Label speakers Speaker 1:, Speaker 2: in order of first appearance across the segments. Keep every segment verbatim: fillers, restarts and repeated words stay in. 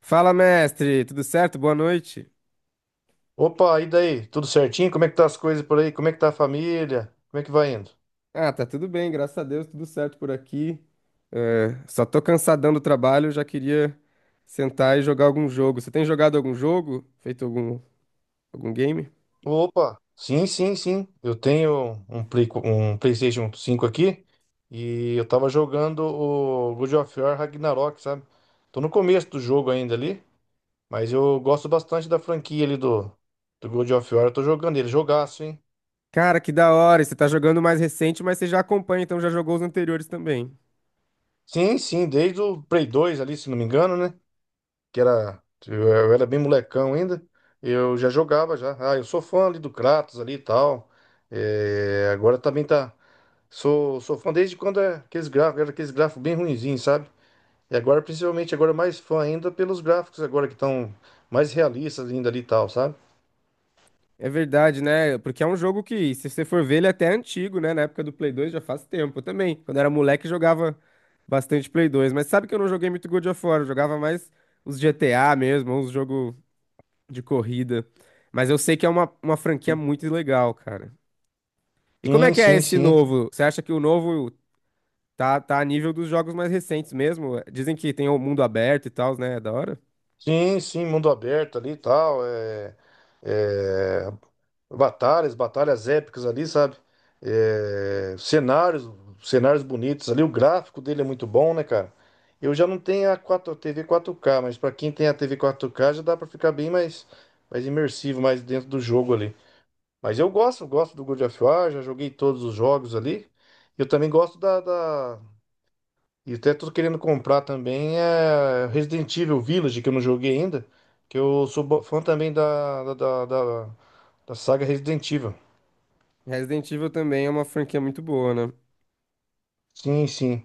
Speaker 1: Fala, mestre, tudo certo? Boa noite.
Speaker 2: Opa, e daí? Tudo certinho? Como é que tá as coisas por aí? Como é que tá a família? Como é que vai indo?
Speaker 1: Ah, tá tudo bem, graças a Deus, tudo certo por aqui. É, só tô cansadão do trabalho, já queria sentar e jogar algum jogo. Você tem jogado algum jogo? Feito algum, algum game?
Speaker 2: Opa, sim, sim, sim. Eu tenho um Play, co- um PlayStation cinco aqui e eu tava jogando o God of War Ragnarok, sabe? Tô no começo do jogo ainda ali, mas eu gosto bastante da franquia ali do, do God of War. Eu tô jogando ele, jogaço, hein?
Speaker 1: Cara, que da hora! E você tá jogando o mais recente, mas você já acompanha, então já jogou os anteriores também.
Speaker 2: Sim, sim, desde o Play dois ali, se não me engano, né? Que era, eu eu era bem molecão ainda, eu já jogava já. Ah, eu sou fã ali do Kratos ali e tal. É, agora também tá. Sou, sou fã desde quando é aqueles gráficos, era aqueles gráficos bem ruinzinhos, sabe? E agora, principalmente, agora mais fã ainda pelos gráficos agora que estão mais realistas ainda ali e tal, sabe?
Speaker 1: É verdade, né? Porque é um jogo que, se você for ver, ele é até antigo, né? Na época do Play dois já faz tempo. Eu também, quando era moleque, jogava bastante Play dois. Mas sabe que eu não joguei muito God of War, eu jogava mais os G T A mesmo, uns jogos de corrida. Mas eu sei que é uma, uma franquia muito legal, cara. E como é
Speaker 2: Sim,
Speaker 1: que é
Speaker 2: sim,
Speaker 1: esse
Speaker 2: sim.
Speaker 1: novo? Você acha que o novo tá, tá a nível dos jogos mais recentes mesmo? Dizem que tem o mundo aberto e tal, né? É da hora?
Speaker 2: Sim, sim, mundo aberto ali e tal. É, é, batalhas, batalhas épicas ali, sabe? É, cenários, cenários bonitos ali. O gráfico dele é muito bom, né, cara? Eu já não tenho a quatro, T V quatro K, mas pra quem tem a T V quatro K já dá pra ficar bem mais, mais imersivo, mais dentro do jogo ali. Mas eu gosto, gosto do God of War, já joguei todos os jogos ali. Eu também gosto da, da... E até tô querendo comprar também é Resident Evil Village, que eu não joguei ainda, que eu sou bo- fã também da, da, da da- da saga Resident Evil.
Speaker 1: Resident Evil também é uma franquia muito boa, né?
Speaker 2: Sim, sim.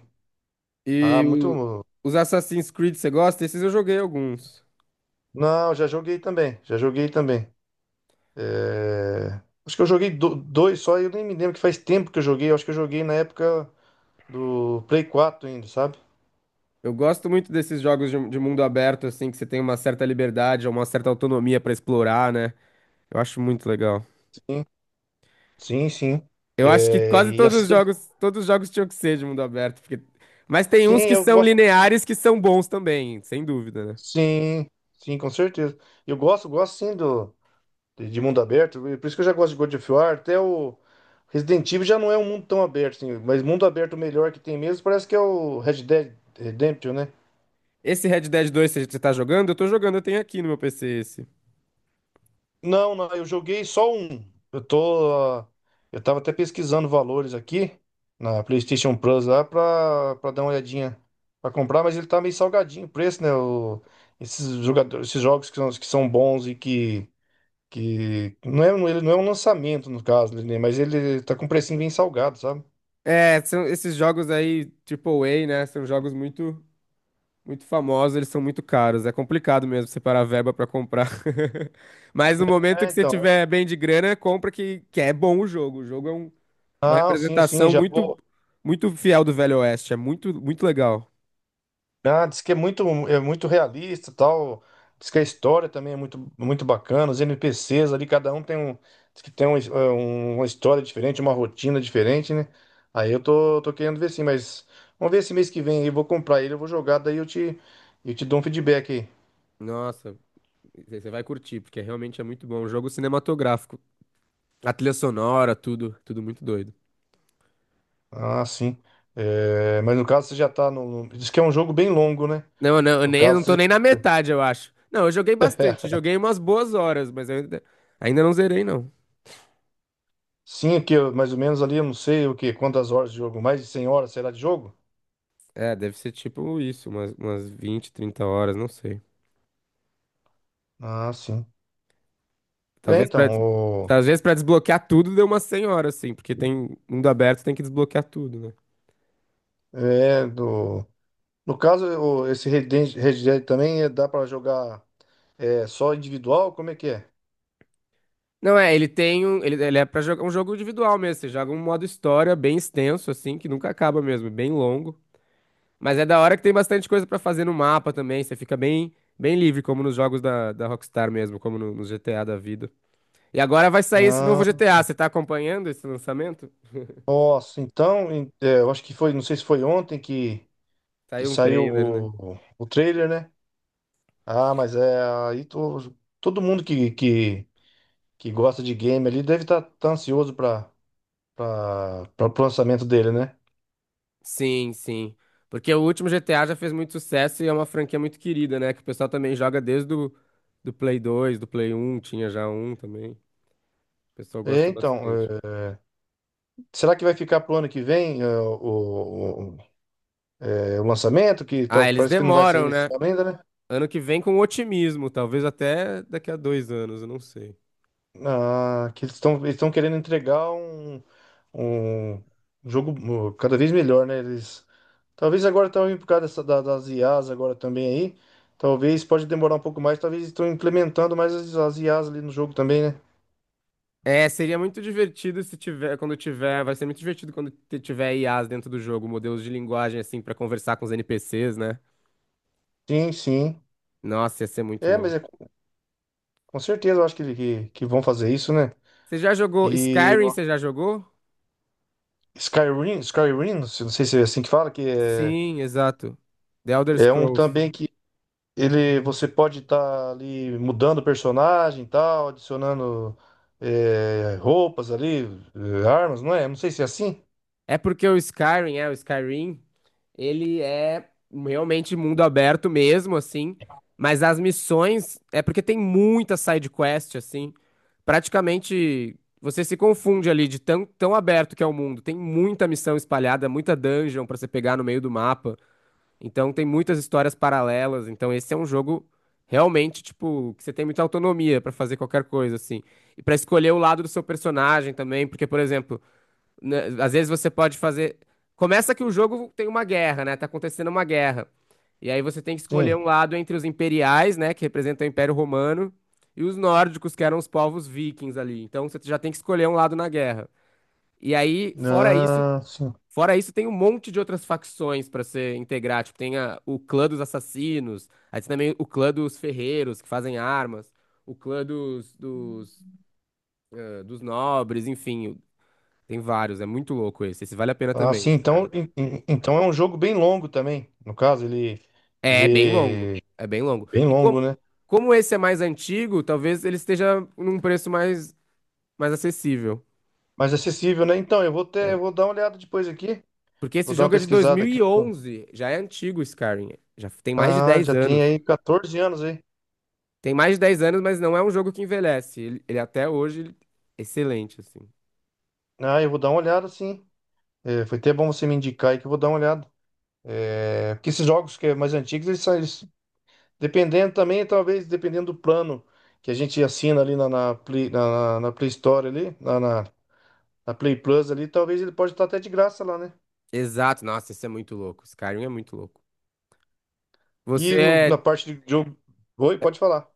Speaker 2: Ah,
Speaker 1: E o-
Speaker 2: muito.
Speaker 1: os Assassin's Creed, você gosta? Esses eu joguei alguns.
Speaker 2: Não, já joguei também. Já joguei também. É, acho que eu joguei do- dois só e eu nem me lembro que faz tempo que eu joguei. Eu acho que eu joguei na época do Play quatro ainda, sabe?
Speaker 1: Eu gosto muito desses jogos de, de mundo aberto, assim, que você tem uma certa liberdade, uma certa autonomia pra explorar, né? Eu acho muito legal.
Speaker 2: Sim, sim, sim.
Speaker 1: Eu acho que quase
Speaker 2: É, e
Speaker 1: todos os
Speaker 2: assim.
Speaker 1: jogos, todos os jogos tinham que ser de mundo aberto, porque... Mas tem
Speaker 2: Sim,
Speaker 1: uns que
Speaker 2: eu
Speaker 1: são
Speaker 2: gosto.
Speaker 1: lineares que são bons também, sem dúvida, né?
Speaker 2: Sim, sim, com certeza. Eu gosto, gosto sim do... de de mundo aberto. Por isso que eu já gosto de God of War. Até o Resident Evil já não é um mundo tão aberto, assim. Mas mundo aberto melhor que tem mesmo parece que é o Red Dead Redemption, né?
Speaker 1: Esse Red Dead dois você você tá jogando? Eu tô jogando, eu tenho aqui no meu P C esse.
Speaker 2: Não, não, eu joguei só um. Eu tô. ah, Eu tava até pesquisando valores aqui na PlayStation Plus lá pra, pra dar uma olhadinha pra comprar, mas ele tá meio salgadinho o preço, né? O- esses jogadores, esses jogos que são, que são bons e que, que. Não é, um- ele não é um lançamento, no caso, né? Mas ele tá com um precinho bem salgado, sabe?
Speaker 1: É, são esses jogos aí, triplo A, né? São jogos muito muito famosos, eles são muito caros. É complicado mesmo separar verba pra comprar. Mas no momento
Speaker 2: É,
Speaker 1: que você
Speaker 2: então.
Speaker 1: tiver bem de grana, compra que, que é bom o jogo. O jogo é um- uma
Speaker 2: Ah, sim, sim,
Speaker 1: representação
Speaker 2: já
Speaker 1: muito
Speaker 2: vou.
Speaker 1: muito fiel do Velho Oeste. É muito muito legal.
Speaker 2: Ah, diz que é muito, é muito realista, tal. Diz que a história também é muito, muito bacana. Os N P Cs ali, cada um tem um, diz que tem um, eh, um- uma história diferente, uma rotina diferente, né? Aí eu tô, tô querendo ver sim, mas vamos ver esse mês que vem aí, eu vou comprar ele, eu vou jogar, daí eu te, eu te dou um feedback aí.
Speaker 1: Nossa, você vai curtir, porque realmente é muito bom. Um jogo cinematográfico. A trilha sonora, tudo, tudo muito doido.
Speaker 2: Ah, sim. Eh, mas no caso você já tá no, no- diz que é um jogo bem longo, né?
Speaker 1: Não, não, eu
Speaker 2: No
Speaker 1: nem, eu
Speaker 2: caso,
Speaker 1: não tô
Speaker 2: você-
Speaker 1: nem na metade, eu acho. Não, eu joguei bastante. Joguei umas boas horas, mas eu ainda, ainda não zerei, não.
Speaker 2: Sim, é que eu- mais ou menos ali, eu não sei o que, quantas horas de jogo, mais de cem horas será de jogo?
Speaker 1: É, deve ser tipo isso, umas, umas vinte, trinta horas, não sei.
Speaker 2: Ah, sim. É,
Speaker 1: Talvez pra, des-
Speaker 2: então, o,
Speaker 1: talvez pra desbloquear tudo deu umas cem horas, assim, porque tem mundo aberto, tem que desbloquear tudo, né?
Speaker 2: é do, no caso, o, esse Red Dead Red Dead também é- dá para jogar é, só individual? Como é que é?
Speaker 1: Não, é, ele tem um, ele, ele é pra jogar um jogo individual mesmo, você joga um modo história bem extenso, assim, que nunca acaba mesmo, é bem longo. Mas é da hora que tem bastante coisa pra fazer no mapa também, você fica bem, bem livre, como nos jogos da, da Rockstar mesmo, como no, no G T A da vida. E agora vai sair esse novo
Speaker 2: Ah,
Speaker 1: G T A, você tá acompanhando esse lançamento?
Speaker 2: nossa, então, em- é, eu acho que foi, não sei se foi ontem que, que
Speaker 1: Saiu um
Speaker 2: saiu
Speaker 1: trailer, né?
Speaker 2: o, o, o trailer, né? Ah, mas é, aí to- todo mundo que, que, que gosta de game ali deve estar ansioso para o lançamento dele, né?
Speaker 1: Sim, sim. Porque o último G T A já fez muito sucesso e é uma franquia muito querida, né? Que o pessoal também joga desde o do Play dois do Play um tinha já um também. O pessoal
Speaker 2: É,
Speaker 1: gosta
Speaker 2: então, é,
Speaker 1: bastante.
Speaker 2: será que vai ficar pro ano que vem? é, o, É o lançamento, que
Speaker 1: Ah,
Speaker 2: tal-
Speaker 1: eles
Speaker 2: parece que não vai sair
Speaker 1: demoram,
Speaker 2: nesse
Speaker 1: né?
Speaker 2: ano ainda, né?
Speaker 1: Ano que vem com otimismo, talvez até daqui a dois anos, eu não sei.
Speaker 2: Ah, que eles estão eles estão querendo entregar um, um jogo uh, cada vez melhor, né? Eles, talvez agora também por causa dessa, da- das I As agora também aí, talvez pode demorar um pouco mais, talvez estão implementando mais as, as I As ali no jogo também, né?
Speaker 1: É, seria muito divertido se tiver, quando tiver, vai ser muito divertido quando te- tiver I As dentro do jogo, modelos de linguagem assim pra conversar com os N P Cs, né?
Speaker 2: Sim, sim.
Speaker 1: Nossa, ia ser muito
Speaker 2: É, mas
Speaker 1: louco.
Speaker 2: é, com com certeza eu acho que, que, que vão fazer isso, né?
Speaker 1: Você já jogou
Speaker 2: E
Speaker 1: Skyrim?
Speaker 2: o
Speaker 1: Você já jogou?
Speaker 2: Skyrim, Skyrim, não sei não sei se é assim que fala, que é,
Speaker 1: Sim, exato. The Elder
Speaker 2: é um
Speaker 1: Scrolls.
Speaker 2: também que ele, você pode estar ali mudando o personagem e tal, adicionando eh, roupas ali, eh, armas, não é? Não sei se é assim.
Speaker 1: É porque o Skyrim, é, o Skyrim, ele é realmente mundo aberto mesmo, assim, mas as missões é porque tem muita side quest, assim. Praticamente você se confunde ali de tão, tão aberto que é o mundo. Tem muita missão espalhada, muita dungeon pra você pegar no meio do mapa. Então tem muitas histórias paralelas. Então esse é um jogo realmente, tipo, que você tem muita autonomia pra fazer qualquer coisa, assim. E pra escolher o lado do seu personagem também, porque, por exemplo, né, às vezes você pode fazer. Começa que o jogo tem uma guerra, né? Tá acontecendo uma guerra. E aí você tem que escolher
Speaker 2: Sim.
Speaker 1: um lado entre os imperiais, né, que representam o Império Romano, e os nórdicos, que eram os povos vikings ali. Então você já tem que escolher um lado na guerra. E aí, fora isso,
Speaker 2: Ah, sim.
Speaker 1: Fora isso, tem um monte de outras facções pra você integrar. Tipo, tem a- o clã dos assassinos, aí tem também o clã dos ferreiros que fazem armas, o clã dos, dos, eh, dos nobres, enfim. Tem vários, é muito louco esse. Esse vale a pena
Speaker 2: Ah,
Speaker 1: também,
Speaker 2: sim.
Speaker 1: esse,
Speaker 2: Então,
Speaker 1: cara.
Speaker 2: en- en- então é um jogo bem longo também. No caso, ele,
Speaker 1: É é bem longo,
Speaker 2: ele é
Speaker 1: é bem longo.
Speaker 2: bem
Speaker 1: E como,
Speaker 2: longo, né?
Speaker 1: como esse é mais antigo, talvez ele esteja num preço mais, mais acessível.
Speaker 2: Mas acessível, né? Então, eu vou ter, eu
Speaker 1: É.
Speaker 2: vou dar uma olhada depois aqui.
Speaker 1: Porque
Speaker 2: Vou
Speaker 1: esse
Speaker 2: dar uma
Speaker 1: jogo é de dois
Speaker 2: pesquisada
Speaker 1: mil
Speaker 2: aqui.
Speaker 1: e onze, já é antigo, Skyrim. Já tem mais de
Speaker 2: Ah,
Speaker 1: dez
Speaker 2: já tem
Speaker 1: anos.
Speaker 2: aí quatorze anos aí.
Speaker 1: Tem mais de dez anos, mas não é um jogo que envelhece. Ele, ele até hoje, ele- excelente, assim.
Speaker 2: Ah, eu vou dar uma olhada, sim. Eh, foi até bom você me indicar aí que eu vou dar uma olhada. É, porque esses jogos que é mais antigos, eles são, eles- dependendo também, talvez, dependendo do plano que a gente assina ali na, na, Play, na, na Play Store ali, na, na, na Play Plus ali, talvez ele pode estar até de graça lá, né?
Speaker 1: Exato, nossa, isso é muito louco. Skyrim é muito louco. Você
Speaker 2: E no- na
Speaker 1: é,
Speaker 2: parte de jogo. Oi, pode falar.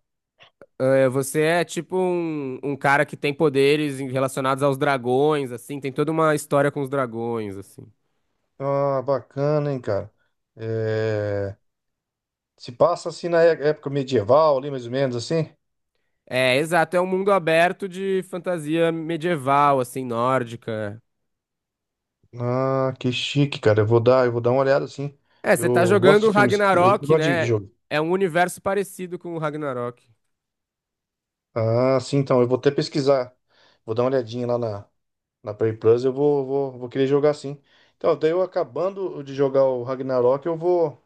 Speaker 1: é, você é tipo um, um cara que tem poderes em- relacionados aos dragões, assim, tem toda uma história com os dragões, assim.
Speaker 2: Ah, bacana, hein, cara. É, se passa assim na é- época medieval ali, mais ou menos assim.
Speaker 1: É, exato, é um mundo aberto de fantasia medieval, assim, nórdica.
Speaker 2: Ah, que chique, cara. Eu vou dar, eu vou dar uma olhada assim.
Speaker 1: É, você tá
Speaker 2: Eu gosto
Speaker 1: jogando
Speaker 2: de filmes, eu
Speaker 1: Ragnarok,
Speaker 2: gosto de
Speaker 1: né?
Speaker 2: jogo.
Speaker 1: É um universo parecido com o Ragnarok.
Speaker 2: Ah, sim, então. Eu vou até pesquisar. Vou dar uma olhadinha lá na, na Play Plus. Eu vou, vou, vou querer jogar sim. Então, daí eu acabando de jogar o Ragnarok, eu vou.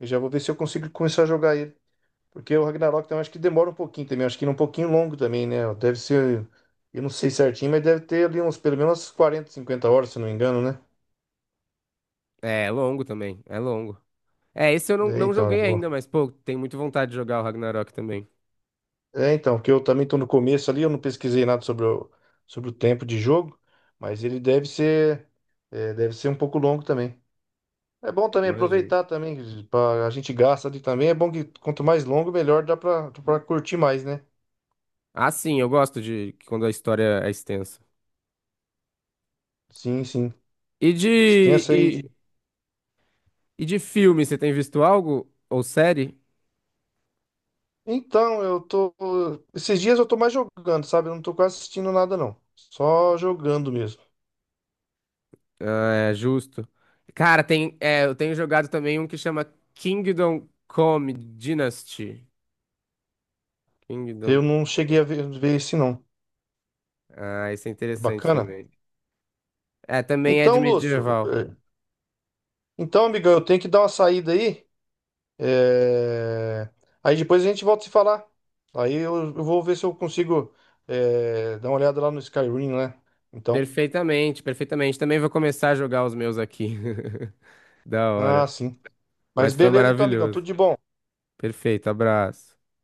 Speaker 2: Eu já vou ver se eu consigo começar a jogar ele. Porque o Ragnarok também acho que demora um pouquinho também. Acho que ele é um pouquinho longo também, né? Deve ser. Eu não sei certinho, mas deve ter ali uns pelo menos quarenta cinquenta horas, se não me engano, né?
Speaker 1: É, é longo também, é longo. É, esse eu não,
Speaker 2: É,
Speaker 1: não
Speaker 2: então, eu
Speaker 1: joguei
Speaker 2: vou.
Speaker 1: ainda, mas, pô, tenho muita vontade de jogar o Ragnarok também.
Speaker 2: É, então, porque eu também tô no começo ali, eu não pesquisei nada sobre o, sobre o tempo de jogo, mas ele deve ser. é, deve ser um pouco longo também. É bom também
Speaker 1: Imagino.
Speaker 2: aproveitar também, que pra- a gente gasta ali também. É bom que quanto mais longo, melhor dá pra, pra curtir mais, né?
Speaker 1: Ah, sim, eu gosto de que quando a história é extensa.
Speaker 2: Sim, sim.
Speaker 1: E de,
Speaker 2: Extensa
Speaker 1: e,
Speaker 2: aí.
Speaker 1: e de filme, você tem visto algo? Ou série?
Speaker 2: Então, eu tô. Esses dias eu tô mais jogando, sabe? Eu não tô quase assistindo nada, não. Só jogando mesmo.
Speaker 1: Ah, é justo. Cara, tem, é, eu tenho jogado também um que chama Kingdom Come Dynasty.
Speaker 2: Eu
Speaker 1: Kingdom
Speaker 2: não cheguei
Speaker 1: Come.
Speaker 2: a ver, ver esse, não.
Speaker 1: Ah, esse é
Speaker 2: É
Speaker 1: interessante
Speaker 2: bacana?
Speaker 1: também. É, também é de
Speaker 2: Então, Lúcio.
Speaker 1: medieval.
Speaker 2: é, Então, amigão, eu tenho que dar uma saída aí. é, Aí depois a gente volta a se falar. Aí eu, eu vou ver se eu consigo é, dar uma olhada lá no Skyrim, né? Então.
Speaker 1: Perfeitamente, perfeitamente. Também vou começar a jogar os meus aqui. Da
Speaker 2: Ah,
Speaker 1: hora.
Speaker 2: sim. Mas
Speaker 1: Mas foi
Speaker 2: beleza então, amigão. Tudo
Speaker 1: maravilhoso.
Speaker 2: de bom.
Speaker 1: Perfeito, abraço.